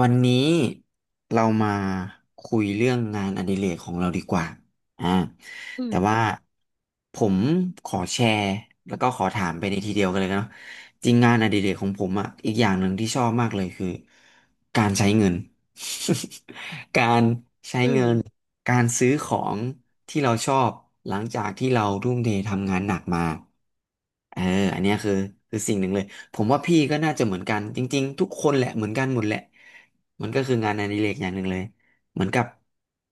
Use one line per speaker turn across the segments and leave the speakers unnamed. วันนี้เรามาคุยเรื่องงานอดิเรกของเราดีกว่าอ่า
อื
แต่ว่า
ม
ผมขอแชร์แล้วก็ขอถามไปในทีเดียวกันเลยเนาะจริงงานอดิเรกของผมอ่ะอีกอย่างหนึ่งที่ชอบมากเลยคือการใช้เงิน การใช้
อื
เงิน
ม
การซื้อของที่เราชอบหลังจากที่เราทุ่มเททำงานหนักมาเอออันเนี้ยคือสิ่งหนึ่งเลย ผมว่าพี่ก็น่าจะเหมือนกันจริงๆทุกคนแหละเหมือนกันหมดแหละมันก็คืองานอดิเรกอย่างหนึ่งเลยเหมือนกับ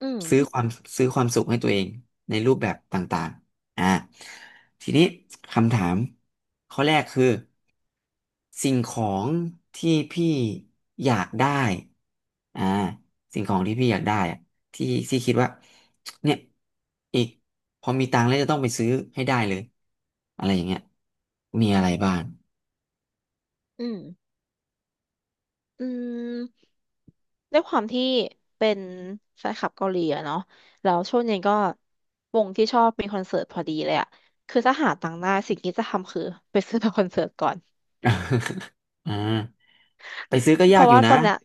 อืม
ซื้อความซื้อความสุขให้ตัวเองในรูปแบบต่างๆทีนี้คำถามข้อแรกคือสิ่งของที่พี่อยากได้อ่าสิ่งของที่พี่อยากได้อะที่ที่คิดว่าเนี่ยอีกพอมีตังค์แล้วจะต้องไปซื้อให้ได้เลยอะไรอย่างเงี้ยมีอะไรบ้าง
อืม อืมด้วยความที่เป็นแฟนคลับเกาหลีอะเนาะแล้วช่วงนี้ก็วงที่ชอบมีคอนเสิร์ตพอดีเลยอะ คือถ้าหาตังค์ได้สิ่งที่จะทำคือไปซื้อ บัตรคอนเสิร์ตก่อน
อ่าไปซื้อก็
เพ
ยาก
ราะ
อยู่
ว่าต
นะ
อนเนี้ย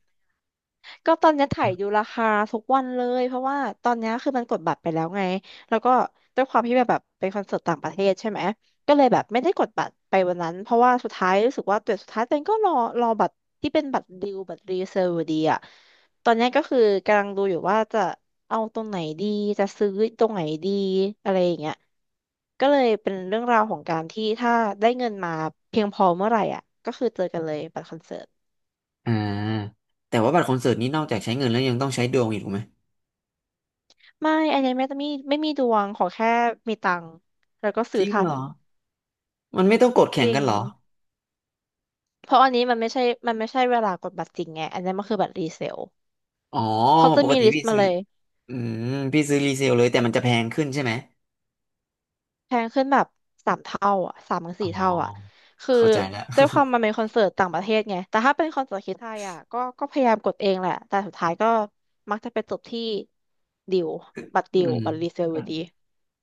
ก็ตอนเนี้ยถ่ายดูราคาทุกวันเลยเพราะว่าตอนเนี้ยคือมันกดบัตรไปแล้วไงแล้วก็ด้วยความที่แบบเป็นคอนเสิร์ตต่างประเทศใช่ไหมก็เลยแบบไม่ได้กดบัตรไปวันนั้นเพราะว่าสุดท้ายรู้สึกว่าตัวสุดท้ายตัวเองก็รอบัตรที่เป็นบัตรดิวบัตรรีเซอร์อยู่ดีอะตอนเนี้ยก็คือกำลังดูอยู่ว่าจะเอาตรงไหนดีจะซื้อตรงไหนดีอะไรอย่างเงี้ยก็เลยเป็นเรื่องราวของการที่ถ้าได้เงินมาเพียงพอเมื่อไหร่อ่ะก็คือเจอกันเลยบัตรคอนเสิร์ต
อ่าแต่ว่าบัตรคอนเสิร์ตนี้นอกจากใช้เงินแล้วยังต้องใช้ดวงอีกถูกไหม
ไม่อันนี้ไม่มีดวงขอแค่มีตังค์แล้วก็
จ
ซื้อ
ริง
ทั
เหร
น
อมันไม่ต้องกดแข่
จ
ง
ริ
กั
ง
นเหรอ
เพราะอันนี้มันไม่ใช่เวลากดบัตรจริงไงอันนี้มันคือบัตรรีเซล
อ๋อ
เขาจะ
ปก
มี
ติ
ลิส
พี่
ต์มา
ซื้อ
เลย
อืมพี่ซื้อรีเซลเลยแต่มันจะแพงขึ้นใช่ไหม
แพงขึ้นแบบ3 เท่าอ่ะสามถึง
อ๋
สี่เท่าอ่ะ
อ
คือ
เข้าใจแล้ว
ด้วยความมันเป็นคอนเสิร์ตต่างประเทศไงแต่ถ้าเป็นคอนเสิร์ตที่ไทยอ่ะก็พยายามกดเองแหละแต่สุดท้ายก็มักจะไปจบที่ดิว บัตร
อื
ดิว
ม
บัตรรีเซล
ค
อ
รั
ยู่
บ
ดี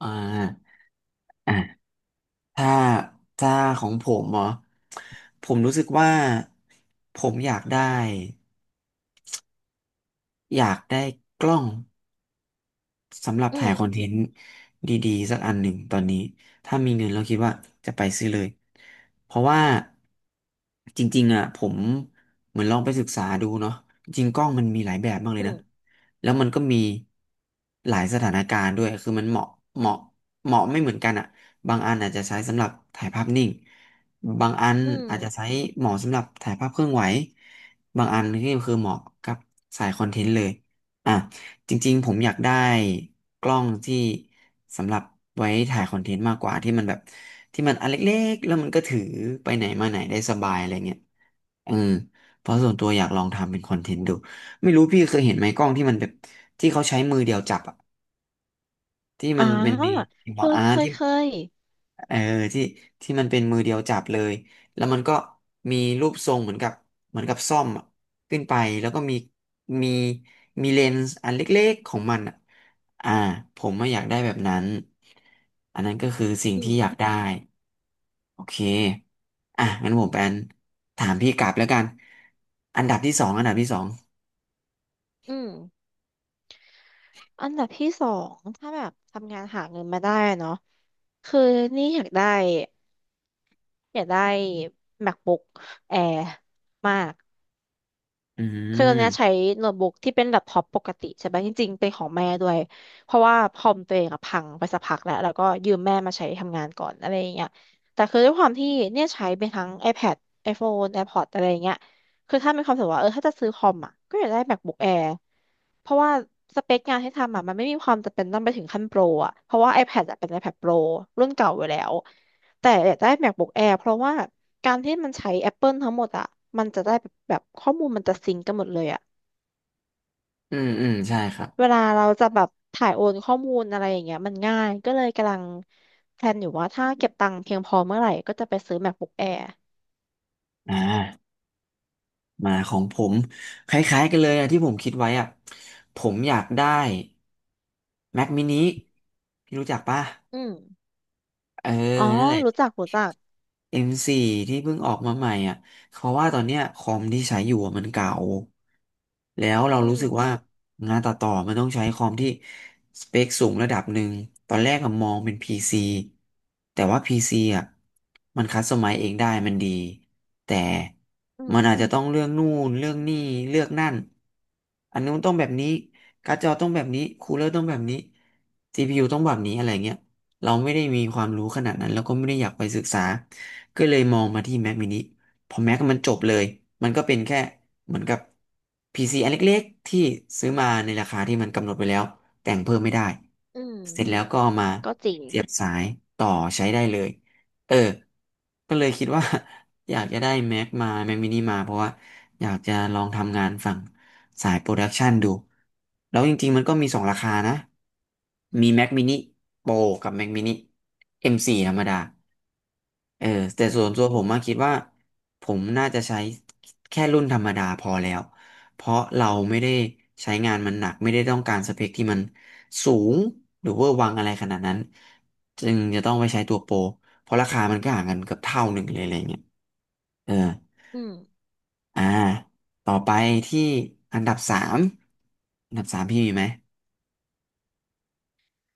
อ่าอ่าถ้าถ้าของผมเหรอผมรู้สึกว่าผมอยากได้กล้อง สำหรับ
อื
ถ่ายคอนเท
ม
นต์ดีๆสักอันหนึ่งตอนนี้ถ้ามีเงินเราคิดว่าจะไปซื้อเลยเพราะว่าจริงๆอ่ะผมเหมือนลองไปศึกษาดูเนาะจริงกล้องมันมีหลายแบบมากเล
อื
ยนะ
ม
แล้วมันก็มีหลายสถานการณ์ด้วยคือมันเหมาะเหมาะไม่เหมือนกันอ่ะบางอันอาจจะใช้สำหรับถ่ายภาพนิ่งบางอัน
อืม
อาจจะใช้เหมาะสำหรับถ่ายภาพเคลื่อนไหวบางอันนี่คือเหมาะกับสายคอนเทนต์เลยอ่ะ จริงๆผมอยากได้กล้องที่สำหรับไว้ถ่ายคอนเทนต์มากกว่าที่มันแบบที่มันอันเล็กๆแล้วมันก็ถือไปไหนมาไหนได้สบายอะไรเงี้ยเออเพราะส่วนตัวอยากลองทำเป็นคอนเทนต์ดูไม่รู้พี่เคยเห็นไหมกล้องที่มันแบบที่เขาใช้มือเดียวจับอะที่
อ่า
มันเป็นมี
เคยเคย
ที่
เคย
เออที่ที่มันเป็นมือเดียวจับเลยแล้วมันก็มีรูปทรงเหมือนกับเหมือนกับซ่อมอะขึ้นไปแล้วก็มีมีเลนส์อันเล็กๆของมันอะอ่าผมไม่อยากได้แบบนั้นอันนั้นก็คือสิ่ง
อื
ที่
ม
อยากได้โอเคอ่ะงั้นผมเป็นถามพี่กลับแล้วกันอันดับที่สอง
อืม อันดับที่สองถ้าแบบทำงานหาเงินมาได้เนาะคือนี่อยากได้ MacBook Air มาก
อื
คือตอนเนี้ยใช้
ม
โน้ตบุ๊กที่เป็นแล็ปท็อปปกติใช่ไหมจริงๆเป็นของแม่ด้วยเพราะว่าคอมตัวเองอะพังไปสักพักแล้วก็ยืมแม่มาใช้ทำงานก่อนอะไรอย่างเงี้ยแต่คือด้วยความที่เนี่ยใช้เป็นทั้ง iPad iPhone AirPods อะไรอย่างเงี้ยคือถ้ามีความรู้สึกว่าเออถ้าจะซื้อคอมอ่ะก็อยากได้ MacBook Air เพราะว่าสเปคงานให้ทำอ่ะมันไม่มีความจำเป็นต้องไปถึงขั้นโปรอ่ะเพราะว่า iPad อะเป็น iPad Pro รุ่นเก่าอยู่แล้วแต่อยากได้ MacBook Air เพราะว่าการที่มันใช้ Apple ทั้งหมดอ่ะมันจะได้แบบข้อมูลมันจะซิงก์กันหมดเลยอ่ะ
อืมอืมใช่ครับ
เวลาเราจะแบบถ่ายโอนข้อมูลอะไรอย่างเงี้ยมันง่ายก็เลยกำลังแพลนอยู่ว่าถ้าเก็บตังค์เพียงพอเมื่อไหร่ก็จะไปซื้อ MacBook Air
อ่า มาของผมคล้ายๆกันเลยอะที่ผมคิดไว้อะผมอยากได้ Mac mini พี่รู้จักป่ะ
อืม
เออ
อ๋อ
นั่นแหละ
รู้จักรู้จัก
M4 ที่เพิ่งออกมาใหม่อ่ะเพราะว่าตอนเนี้ยคอมที่ใช้อยู่อะมันเก่าแล้วเรา
อื
รู้สึกว่า
ม
งานตัดต่อมันต้องใช้คอมที่สเปคสูงระดับหนึ่งตอนแรกอะมองเป็นพีซ c แต่ว่าพีซ c อ่ะมันคัสตอมไมซ์เองได้มันดีแต่
อืม
มันอาจจะต้องเรื่องนู่นเรื่องนี่เลือกนั่นอันนู้นต้องแบบนี้การ์ดจอต้องแบบนี้คูลเลอร์ต้องแบบนี้CPU ต้องแบบนี้อะไรเงี้ยเราไม่ได้มีความรู้ขนาดนั้นแล้วก็ไม่ได้อยากไปศึกษา ก็เลยมองมาที่ Mac mini พอ Mac มันจบเลย มันก็เป็นแค่เหมือนกับ PC อันเล็กๆที่ซื้อมาในราคาที่มันกำหนดไว้แล้วแต่งเพิ่มไม่ได้
อืม
เสร็จแล้วก็เอามา
ก็จริง
เสียบสายต่อใช้ได้เลย เออ ก็เลยคิดว่า อยากจะได้ Mac มา Mac mini มาเพราะว่าอยากจะลองทำงานฝั่งสายโปรดักชันดู แล้วจริงๆมันก็มีสองราคานะ มี Mac mini Pro กับ Mac mini M4 ธรรมดา เออแต่
อื
ส่วนตัว
ม
ผมมาคิดว่าผมน่าจะใช้แค่รุ่นธรรมดาพอแล้วเพราะเราไม่ได้ใช้งานมันหนักไม่ได้ต้องการสเปคที่มันสูงหรือเวอร์วังอะไรขนาดนั้นจึงจะต้องไปใช้ตัวโปรเพราะราคามันก็ห่างกันเกือบเท่าหนึ่งเลยอะไรเงี้ยเออ
อืม
อ่าต่อไปที่อันดับสามอันดับสามพี่มีไหม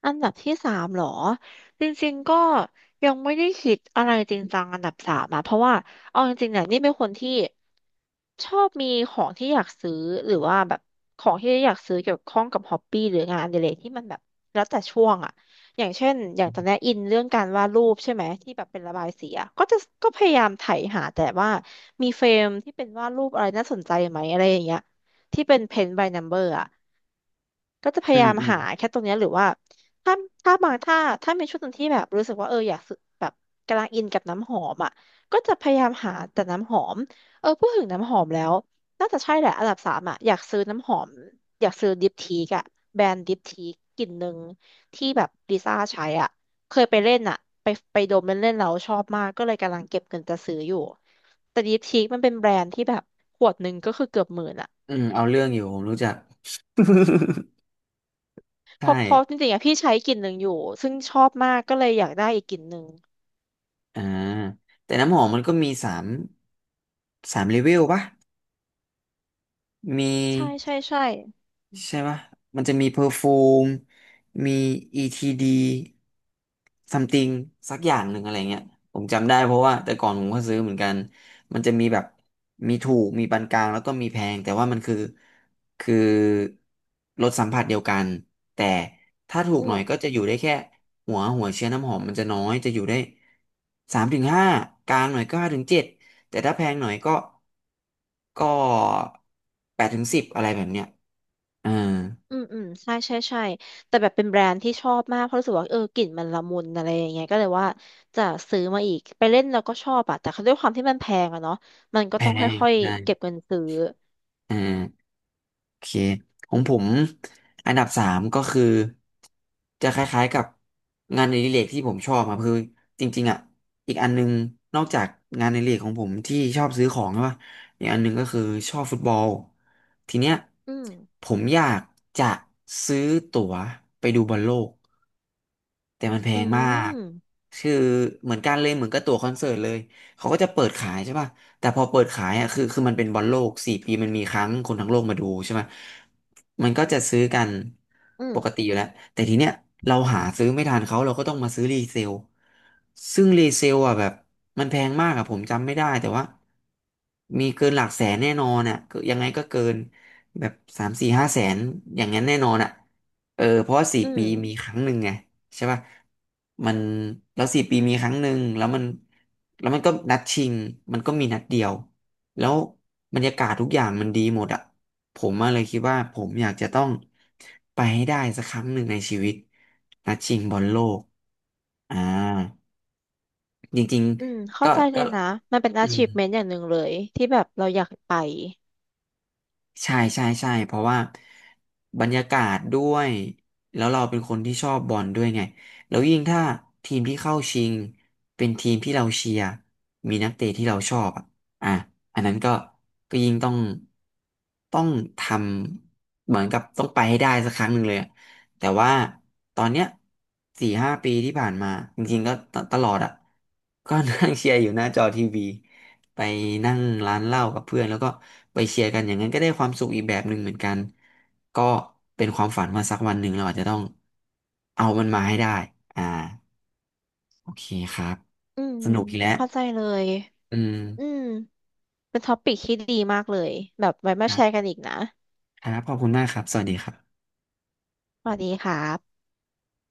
อันดับที่สามเหรอจริงๆก็ยังไม่ได้คิดอะไรจริงจังอันดับสามอะเพราะว่าเอาจริงๆเนี่ยนี่เป็นคนที่ชอบมีของที่อยากซื้อหรือว่าแบบของที่อยากซื้อเกี่ยวข้องกับฮอปปี้หรืองานอดิเรกที่มันแบบแล้วแต่ช่วงอะอย่างเช่นอย่างตอนนี้อินเรื่องการวาดรูปใช่ไหมที่แบบเป็นระบายสีอะก็จะก็พยายามไถหาแต่ว่ามีเฟรมที่เป็นวาดรูปอะไรน่าสนใจไหมอะไรอย่างเงี้ยที่เป็นเพน by number อะ ก็จะพ
อื
ยา
ม
ยาม
อืม
หาแค่ตรงเนี้ยหรือว่าถ้าถ้าบางถ้าถ้ามีช่วงหนึงที่แบบรู้สึกว่าเอออยากซื้อแบบกำลังอินกับน้ำหอมอ่ะก็จะพยายามหาแต่น้ำหอมเออพูดถึงน้ำหอมแล้วน่าจะใช่แหละอันดับสามอ่ะอยากซื้อน้ำหอมอยากซื้อดิปทีกอ่ะแบรนด์ดิปทีกกลิ่นหนึ่งที่แบบลิซ่าใช้อ่ะเคยไปเล่นอ่ะไปไปดมเล่นเล่นแล้วชอบมากก็เลยกำลังเก็บเงินจะซื้ออยู่แต่ดิปทีกมันเป็นแบรนด์ที่แบบขวดหนึ่งก็คือเกือบหมื่นอ่ะ
อืมเอาเรื่องอยู่ผมรู้จัก
เพ
ใช่
ราะเพราะจริงๆอะพี่ใช้กลิ่นหนึ่งอยู่ซึ่งชอบมากก็เลยอยากได้อีกกลิ่นหนึ่ง
อ่าแต่น้ำหอมมันก็มีสามเลเวลปะมี
ใช่ใช่ใช่
ใช่ปะมันจะมีเพอร์ฟูมมี ETD something สักอย่างหนึ่งอะไรเงี้ยผมจำได้เพราะว่าแต่ก่อนผมก็ซื้อเหมือนกัน มันจะมีแบบมีถูก มีปานกลางแล้วก็มีแพง แต่ว่ามันคือรสสัมผัสเดียวกัน แต่ถ้าถูก
อื
หน่
ม
อยก็จะอยู่ได้แค่หัวเชื้อน้ำหอมมันจะน้อย จะอยู่ได้สามถึงห้ากลางหน่อยก็ห้าถึงเจ็ดแต่ถ้าแพงหน่อยก็แปดถึงสิบอะไรแบบเนี้ย อ่า
อืมอืมใช่ใช่ใช่แต่แบบเป็นแบรนด์ที่ชอบมากเพราะรู้สึกว่าเออกลิ่นมันละมุนอะไรอย่างเงี้ยก็เลยว่าจะซื้อมาอีกไปเล่นแล้วก็ชอบอะแต่ด้วยความที่มันแพงอะเนาะมันก็
แพ
ต้องค
ง
่อย
ได้
ๆเก็บเงินซื้อ
อ่าโอเคของผมอันดับสามก็คือจะคล้ายๆกับงานในริเรกที่ผมชอบครับคือจริงๆอ่ะอีกอันนึงนอกจากงานในริเรกของผมที่ชอบซื้อของใช่ปะอีกอันนึงก็คือชอบฟุตบอลทีเนี้ย
อืม
ผมอยากจะซื้อตั๋วไปดูบอลโลก แต่มันแพ
อื
งมาก
ม
คือเหมือนกันเลยเหมือนกับตั๋วคอนเสิร์ตเลย เขาก็จะเปิดขายใช่ป่ะแต่พอเปิดขายอ่ะคือมันเป็นบอลโลกสี่ปีมันมีครั้งคนทั้งโลกมาดูใช่ไหมมันก็จะซื้อกัน
อื
ป
ม
กติอยู่แล้ว แต่ทีเนี้ยเราหาซื้อไม่ทันเขาเราก็ต้องมาซื้อรีเซลซึ่งรีเซลอ่ะแบบมันแพงมากอ่ะผมจำไม่ได้แต่ว่ามีเกินหลักแสนแน่นอนอ่ะก็ยังไงก็เกินแบบสามสี่ห้าแสนอย่างนั้นแน่นอนอ่ะ เออเพราะว่าสี่
อื
ปี
ม
มีครั้งหนึ่งไงใช่ป่ะมันแล้วสี่ปีมีครั้งหนึ่งแล้วมันก็นัดชิงมันก็มีนัดเดียวแล้วบรรยากาศทุกอย่างมันดีหมดอ่ะผมมาเลยคิดว่าผมอยากจะต้องไปให้ได้สักครั้งหนึ่งในชีวิตนัดชิงบอลโลกอ่าจริง
อืม
ๆ
เข้า
ก็
ใจเล
ก็
ยนะมันเป็น
อืม
achievement อย่างหนึ่งเลยที่แบบเราอยากไป
ใช่ใช่ใช่เพราะว่าบรรยากาศด้วยแล้วเราเป็นคนที่ชอบบอลด้วยไงแล้วยิ่งถ้าทีมที่เข้าชิงเป็นทีมที่เราเชียร์มีนักเตะที่เราชอบอ่ะอันนั้นก็ยิ่งต้องทำเหมือนกับต้องไปให้ได้สักครั้งหนึ่งเลยอะแต่ว่าตอนเนี้ย4-5 ปีที่ผ่านมาจริงๆก็ตลอดอ่ะก็นั่งเชียร์อยู่หน้าจอทีวี ไปนั่งร้านเหล้ากับเพื่อนแล้วก็ไปเชียร์กันอย่างนั้นก็ได้ความสุขอีกแบบหนึ่งเหมือนกันก็เป็นความฝันว่าสักวันหนึ่งเราอาจจะต้องเอามันมาให้ได้อ่าโอเคครับ
อืม
สนุกอีกแล้ว
เข้าใจเลย
อืม
อืม เป็นท็อปิกที่ดีมากเลยแบบไว้มา
ครั
แชร์กั
บ
นอีกนะ
ครับขอบคุณมากครับสวัสดีครับ
สวัสดีครับ